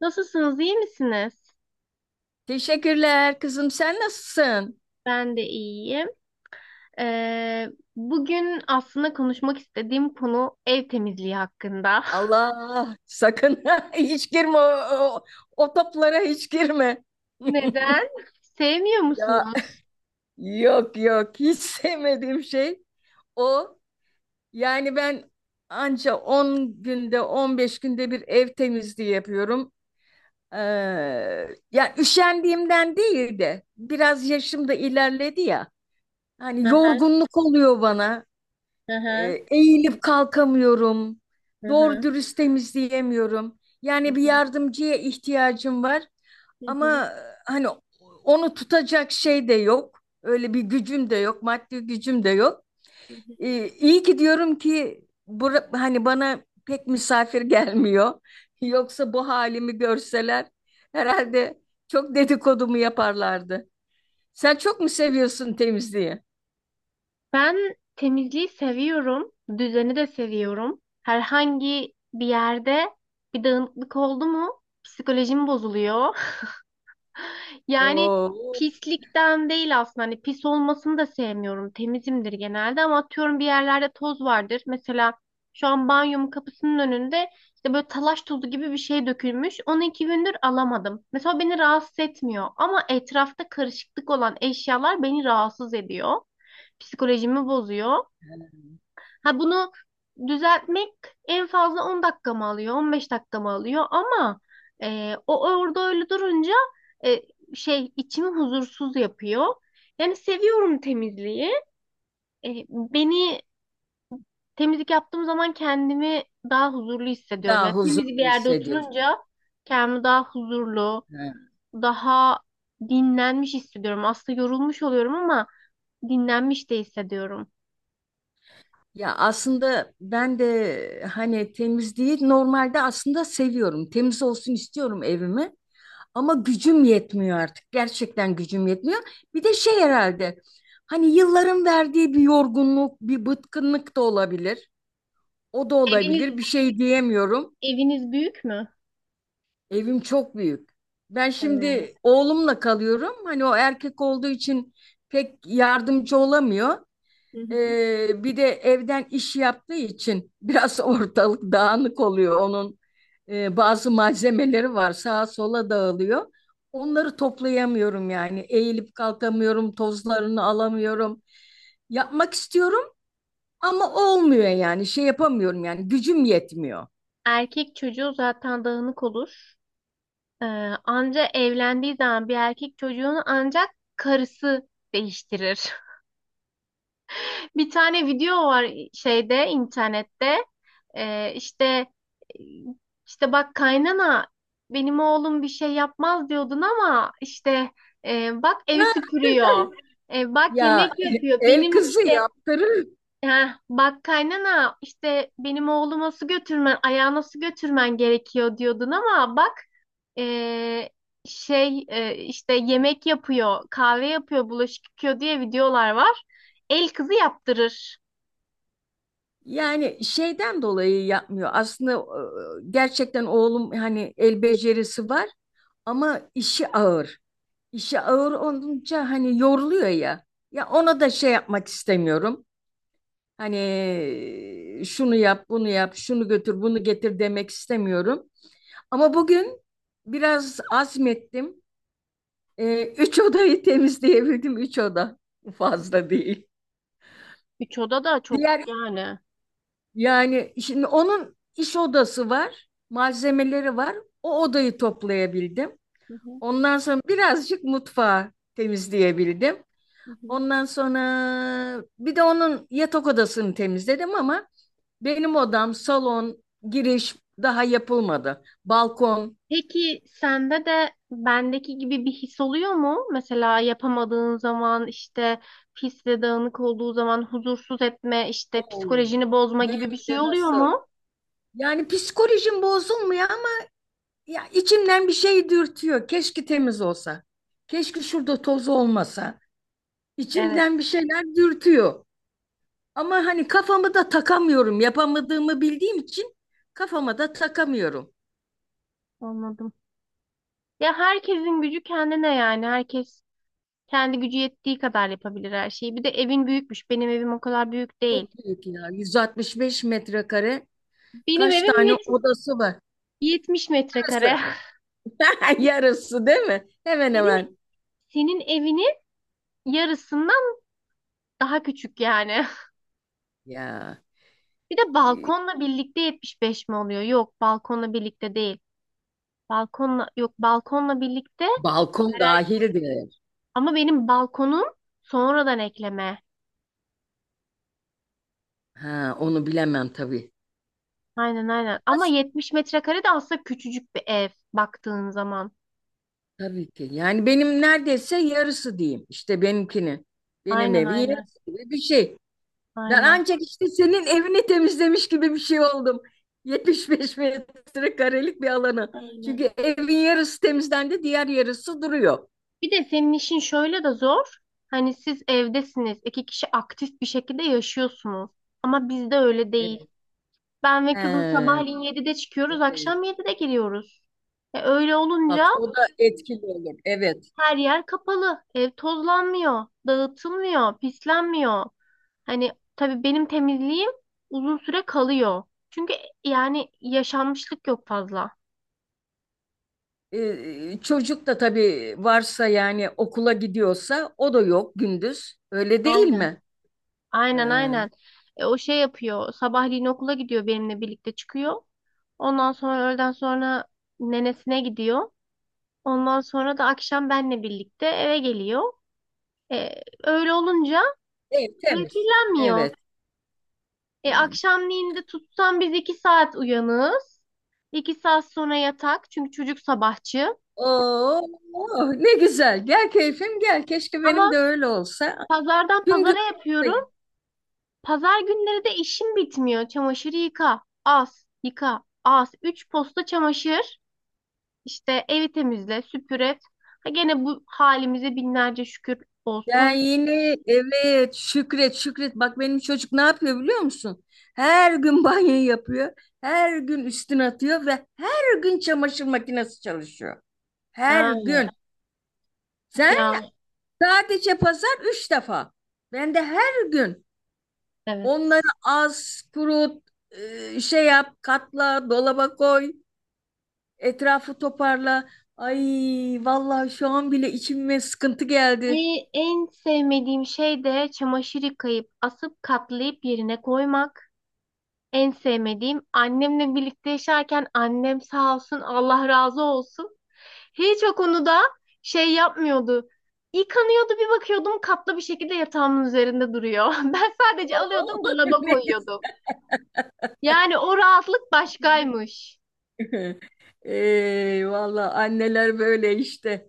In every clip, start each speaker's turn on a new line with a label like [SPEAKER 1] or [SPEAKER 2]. [SPEAKER 1] Nasılsınız, iyi misiniz?
[SPEAKER 2] Teşekkürler kızım, sen nasılsın?
[SPEAKER 1] Ben de iyiyim. Ee, bugün aslında konuşmak istediğim konu ev temizliği hakkında.
[SPEAKER 2] Allah sakın hiç girme o, o toplara, hiç girme.
[SPEAKER 1] Neden? Sevmiyor
[SPEAKER 2] Ya
[SPEAKER 1] musunuz?
[SPEAKER 2] yok yok, hiç sevmediğim şey o. Yani ben anca 10 günde 15 günde bir ev temizliği yapıyorum. Ee, Ya üşendiğimden değil de biraz yaşım da ilerledi ya. Hani
[SPEAKER 1] Hı hı,
[SPEAKER 2] yorgunluk oluyor bana.
[SPEAKER 1] hı hı,
[SPEAKER 2] Eğilip kalkamıyorum.
[SPEAKER 1] hı
[SPEAKER 2] Doğru
[SPEAKER 1] hı,
[SPEAKER 2] dürüst temizleyemiyorum.
[SPEAKER 1] hı
[SPEAKER 2] Yani bir
[SPEAKER 1] hı,
[SPEAKER 2] yardımcıya ihtiyacım var
[SPEAKER 1] hı
[SPEAKER 2] ama
[SPEAKER 1] hı.
[SPEAKER 2] hani onu tutacak şey de yok. Öyle bir gücüm de yok, maddi gücüm de yok.
[SPEAKER 1] Hı hı.
[SPEAKER 2] E, iyi ki diyorum ki hani bana pek misafir gelmiyor. Yoksa bu halimi görseler herhalde çok dedikodumu yaparlardı. Sen çok mu seviyorsun temizliği?
[SPEAKER 1] Ben temizliği seviyorum, düzeni de seviyorum. Herhangi bir yerde bir dağınıklık oldu mu psikolojim bozuluyor. Yani
[SPEAKER 2] Oo,
[SPEAKER 1] pislikten değil aslında. Hani pis olmasını da sevmiyorum. Temizimdir genelde ama atıyorum bir yerlerde toz vardır. Mesela şu an banyomun kapısının önünde işte böyle talaş tozu gibi bir şey dökülmüş. Onu 2 gündür alamadım. Mesela beni rahatsız etmiyor ama etrafta karışıklık olan eşyalar beni rahatsız ediyor. Psikolojimi bozuyor. Ha bunu düzeltmek en fazla 10 dakika mı alıyor, 15 dakika mı alıyor ama o orada öyle durunca e, şey içimi huzursuz yapıyor. Yani seviyorum temizliği. Beni temizlik yaptığım zaman kendimi daha huzurlu hissediyorum. Yani
[SPEAKER 2] daha
[SPEAKER 1] temiz bir
[SPEAKER 2] huzurlu
[SPEAKER 1] yerde
[SPEAKER 2] hissediyorsun.
[SPEAKER 1] oturunca kendimi daha huzurlu,
[SPEAKER 2] Ha.
[SPEAKER 1] daha dinlenmiş hissediyorum. Aslında yorulmuş oluyorum ama dinlenmiş de hissediyorum.
[SPEAKER 2] Ya aslında ben de hani temizliği normalde aslında seviyorum. Temiz olsun istiyorum evimi. Ama gücüm yetmiyor artık. Gerçekten gücüm yetmiyor. Bir de şey herhalde hani yılların verdiği bir yorgunluk, bir bıkkınlık da olabilir. O da olabilir. Bir
[SPEAKER 1] Eviniz
[SPEAKER 2] şey diyemiyorum.
[SPEAKER 1] eviniz büyük mü?
[SPEAKER 2] Evim çok büyük. Ben
[SPEAKER 1] Evet.
[SPEAKER 2] şimdi oğlumla kalıyorum. Hani o erkek olduğu için pek yardımcı olamıyor. Bir de evden iş yaptığı için biraz ortalık dağınık oluyor. Onun bazı malzemeleri var, sağa sola dağılıyor. Onları toplayamıyorum yani. Eğilip kalkamıyorum, tozlarını alamıyorum. Yapmak istiyorum ama olmuyor yani. Şey yapamıyorum, yani gücüm yetmiyor.
[SPEAKER 1] Erkek çocuğu zaten dağınık olur. Ee, anca evlendiği zaman bir erkek çocuğunu ancak karısı değiştirir. Bir tane video var şeyde internette. İşte işte bak kaynana benim oğlum bir şey yapmaz diyordun ama işte bak evi süpürüyor. Bak
[SPEAKER 2] Ya,
[SPEAKER 1] yemek yapıyor.
[SPEAKER 2] el
[SPEAKER 1] Benim
[SPEAKER 2] kızı
[SPEAKER 1] işte
[SPEAKER 2] yaptırır.
[SPEAKER 1] Heh, bak kaynana işte benim oğluma su götürmen, ayağına su götürmen gerekiyor diyordun ama bak eee, işte yemek yapıyor, kahve yapıyor, bulaşık yıkıyor diye videolar var. El kızı yaptırır.
[SPEAKER 2] Yani şeyden dolayı yapmıyor. Aslında gerçekten oğlum hani el becerisi var. Ama işi ağır. İşi ağır olunca hani yoruluyor ya. Ya ona da şey yapmak istemiyorum. Hani şunu yap, bunu yap, şunu götür, bunu getir demek istemiyorum. Ama bugün biraz azmettim. Üç odayı temizleyebildim. Üç oda fazla değil.
[SPEAKER 1] Üç oda da çok
[SPEAKER 2] Diğer
[SPEAKER 1] yani.
[SPEAKER 2] Yani şimdi onun iş odası var, malzemeleri var. O odayı toplayabildim.
[SPEAKER 1] Hı hı,
[SPEAKER 2] Ondan sonra birazcık mutfağı temizleyebildim.
[SPEAKER 1] hı hı.
[SPEAKER 2] Ondan sonra bir de onun yatak odasını temizledim ama benim odam, salon, giriş daha yapılmadı. Balkon.
[SPEAKER 1] Peki sende de bendeki gibi bir his oluyor mu? Mesela yapamadığın zaman işte pis ve dağınık olduğu zaman huzursuz etme, işte
[SPEAKER 2] Oo.
[SPEAKER 1] psikolojini bozma
[SPEAKER 2] Hem
[SPEAKER 1] gibi bir
[SPEAKER 2] de
[SPEAKER 1] şey oluyor
[SPEAKER 2] nasıl?
[SPEAKER 1] mu?
[SPEAKER 2] Yani psikolojim bozulmuyor ama ya içimden bir şey dürtüyor. Keşke temiz olsa. Keşke şurada toz olmasa.
[SPEAKER 1] Evet.
[SPEAKER 2] İçimden bir şeyler dürtüyor. Ama hani kafamı da takamıyorum. Yapamadığımı bildiğim için kafama da takamıyorum.
[SPEAKER 1] Anladım. Ya herkesin gücü kendine yani. Herkes kendi gücü yettiği kadar yapabilir her şeyi. Bir de evin büyükmüş. Benim evim o kadar büyük
[SPEAKER 2] Çok
[SPEAKER 1] değil.
[SPEAKER 2] büyük ya. 165 metrekare.
[SPEAKER 1] Benim
[SPEAKER 2] Kaç
[SPEAKER 1] evim
[SPEAKER 2] tane odası var?
[SPEAKER 1] 70 metrekare.
[SPEAKER 2] Yarısı. Yarısı değil mi? Hemen
[SPEAKER 1] Senin
[SPEAKER 2] hemen.
[SPEAKER 1] senin evinin yarısından daha küçük yani.
[SPEAKER 2] Ya
[SPEAKER 1] Bir de balkonla birlikte 75 mi oluyor? Yok, balkonla birlikte değil. Balkonla yok, balkonla birlikte
[SPEAKER 2] balkon
[SPEAKER 1] Karar-
[SPEAKER 2] dahildir.
[SPEAKER 1] ama benim balkonum sonradan ekleme.
[SPEAKER 2] Ha, onu bilemem tabii.
[SPEAKER 1] Aynen aynen.
[SPEAKER 2] Ama
[SPEAKER 1] Ama 70 metrekare de aslında küçücük bir ev baktığın zaman.
[SPEAKER 2] tabii ki. Yani benim neredeyse yarısı diyeyim. İşte benimkini. Benim
[SPEAKER 1] Aynen
[SPEAKER 2] evi
[SPEAKER 1] aynen.
[SPEAKER 2] yarısı gibi bir şey. Ben
[SPEAKER 1] Aynen.
[SPEAKER 2] ancak işte senin evini temizlemiş gibi bir şey oldum. 75 metrekarelik bir alanı.
[SPEAKER 1] Aynen.
[SPEAKER 2] Çünkü evin yarısı temizlendi, diğer yarısı duruyor.
[SPEAKER 1] Bir de senin işin şöyle de zor. Hani siz evdesiniz. İki kişi aktif bir şekilde yaşıyorsunuz. Ama bizde öyle değil.
[SPEAKER 2] Evet.
[SPEAKER 1] Ben ve kızım
[SPEAKER 2] He,
[SPEAKER 1] sabahleyin 7'de çıkıyoruz,
[SPEAKER 2] evet.
[SPEAKER 1] akşam 7'de giriyoruz. Öyle olunca
[SPEAKER 2] Bak, o da etkili olur. Evet.
[SPEAKER 1] her yer kapalı. Ev tozlanmıyor, dağıtılmıyor, pislenmiyor. Hani tabii benim temizliğim uzun süre kalıyor. Çünkü yani yaşanmışlık yok fazla.
[SPEAKER 2] Çocuk da tabii varsa yani okula gidiyorsa o da yok gündüz. Öyle değil mi? Ee,
[SPEAKER 1] Aynen aynen. O şey yapıyor. Sabahleyin okula gidiyor benimle birlikte çıkıyor. Ondan sonra öğleden sonra nenesine gidiyor. Ondan sonra da akşam benle birlikte eve geliyor. Öyle olunca
[SPEAKER 2] ev temiz.
[SPEAKER 1] öykülenmiyor.
[SPEAKER 2] Evet. Ee,
[SPEAKER 1] Akşamleyin de tutsam biz 2 saat uyanığız. 2 saat sonra yatak. Çünkü çocuk sabahçı.
[SPEAKER 2] oo, oh, ne güzel. Gel keyfim gel. Keşke benim de
[SPEAKER 1] Ama
[SPEAKER 2] öyle olsa.
[SPEAKER 1] pazardan
[SPEAKER 2] Tüm gün
[SPEAKER 1] pazara
[SPEAKER 2] ayaktayım.
[SPEAKER 1] yapıyorum. Pazar günleri de işim bitmiyor. Çamaşırı yıka. As. Yıka. As. Üç posta çamaşır. İşte evi temizle, süpür et. Ha gene bu halimize binlerce şükür
[SPEAKER 2] Ben
[SPEAKER 1] olsun.
[SPEAKER 2] yine evet, Şükret Şükret, bak benim çocuk ne yapıyor biliyor musun? Her gün banyo yapıyor. Her gün üstüne atıyor ve her gün çamaşır makinesi çalışıyor. Her
[SPEAKER 1] Ha,
[SPEAKER 2] gün. Sen?
[SPEAKER 1] ya
[SPEAKER 2] Sadece pazar üç defa. Ben de her gün onları
[SPEAKER 1] evet.
[SPEAKER 2] az, kurut, şey yap, katla, dolaba koy, etrafı toparla. Ay, vallahi şu an bile içime sıkıntı
[SPEAKER 1] E,
[SPEAKER 2] geldi.
[SPEAKER 1] en sevmediğim şey de çamaşır yıkayıp asıp katlayıp yerine koymak. En sevmediğim annemle birlikte yaşarken annem sağ olsun Allah razı olsun. Hiç o konuda şey yapmıyordu. Yıkanıyordu bir bakıyordum katlı bir şekilde yatağımın üzerinde duruyor. Ben sadece
[SPEAKER 2] Oo,
[SPEAKER 1] alıyordum dolaba
[SPEAKER 2] ne
[SPEAKER 1] koyuyordum.
[SPEAKER 2] güzel.
[SPEAKER 1] Yani o rahatlık başkaymış.
[SPEAKER 2] Ey, valla anneler böyle işte.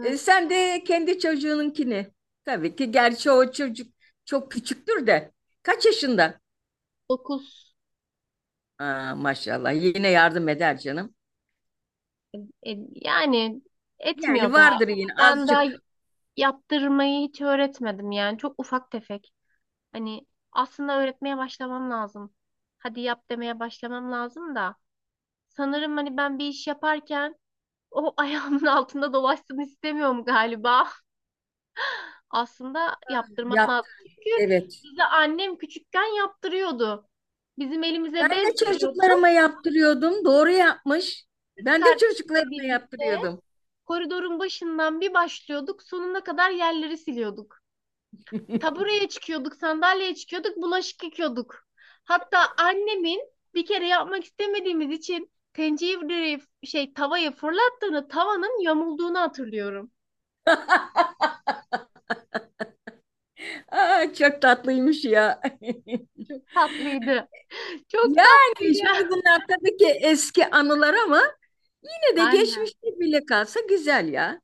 [SPEAKER 2] E, sen de kendi çocuğununkini. Tabii ki, gerçi o çocuk çok küçüktür de. Kaç yaşında?
[SPEAKER 1] 9.
[SPEAKER 2] Aa, maşallah, yine yardım eder canım.
[SPEAKER 1] Yani
[SPEAKER 2] Yani
[SPEAKER 1] etmiyor da
[SPEAKER 2] vardır yine
[SPEAKER 1] ben daha
[SPEAKER 2] azıcık
[SPEAKER 1] yaptırmayı hiç öğretmedim yani çok ufak tefek. Hani aslında öğretmeye başlamam lazım. Hadi yap demeye başlamam lazım da sanırım hani ben bir iş yaparken o ayağımın altında dolaşsın istemiyorum galiba. Aslında yaptırmak
[SPEAKER 2] yap.
[SPEAKER 1] lazım. Çünkü
[SPEAKER 2] Evet.
[SPEAKER 1] bize annem küçükken yaptırıyordu. Bizim elimize
[SPEAKER 2] Ben de
[SPEAKER 1] bez veriyordu
[SPEAKER 2] çocuklarıma yaptırıyordum. Doğru yapmış. Ben de
[SPEAKER 1] kardeşimle
[SPEAKER 2] çocuklarıma
[SPEAKER 1] birlikte.
[SPEAKER 2] yaptırıyordum.
[SPEAKER 1] Koridorun başından bir başlıyorduk, sonuna kadar yerleri siliyorduk. Tabureye çıkıyorduk, sandalyeye çıkıyorduk, bulaşık yıkıyorduk. Hatta annemin bir kere yapmak istemediğimiz için tencereyi şey tavaya fırlattığını, tavanın yamulduğunu hatırlıyorum.
[SPEAKER 2] Aa, çok tatlıymış ya.
[SPEAKER 1] Çok tatlıydı. Çok
[SPEAKER 2] Yani
[SPEAKER 1] tatlıydı.
[SPEAKER 2] şimdi bunlar tabii ki eski anılar ama ve
[SPEAKER 1] Aynen.
[SPEAKER 2] geçmişte bile kalsa güzel ya.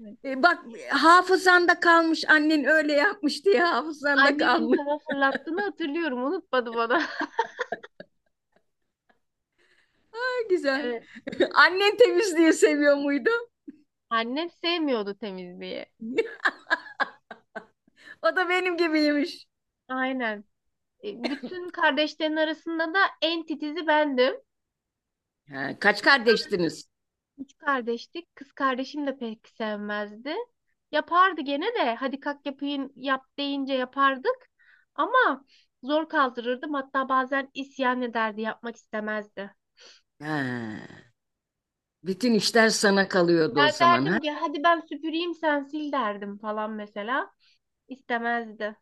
[SPEAKER 1] Evet.
[SPEAKER 2] E, bak, hafızanda kalmış, annen öyle yapmış diye hafızanda
[SPEAKER 1] Annemin
[SPEAKER 2] kalmış.
[SPEAKER 1] tava fırlattığını hatırlıyorum. Unutmadı bana.
[SPEAKER 2] Ha, güzel.
[SPEAKER 1] Evet.
[SPEAKER 2] Annen temizliği seviyor muydu?
[SPEAKER 1] Annem sevmiyordu temizliği.
[SPEAKER 2] O da benim gibiymiş.
[SPEAKER 1] Aynen. Bütün kardeşlerin arasında da en titizi bendim.
[SPEAKER 2] Ha, kaç kardeştiniz?
[SPEAKER 1] Üç kardeştik. Kız kardeşim de pek sevmezdi. Yapardı gene de hadi kalk yapayım yap deyince yapardık. Ama zor kaldırırdım. Hatta bazen isyan ederdi, yapmak istemezdi.
[SPEAKER 2] Ha, bütün işler sana kalıyordu o zaman ha?
[SPEAKER 1] Derdim ki hadi ben süpüreyim sen sil derdim falan mesela. İstemezdi.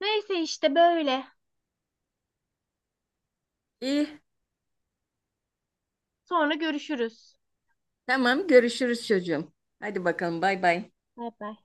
[SPEAKER 1] Neyse işte böyle.
[SPEAKER 2] İyi.
[SPEAKER 1] Sonra görüşürüz.
[SPEAKER 2] Tamam, görüşürüz çocuğum. Hadi bakalım, bay bay.
[SPEAKER 1] Bay bay.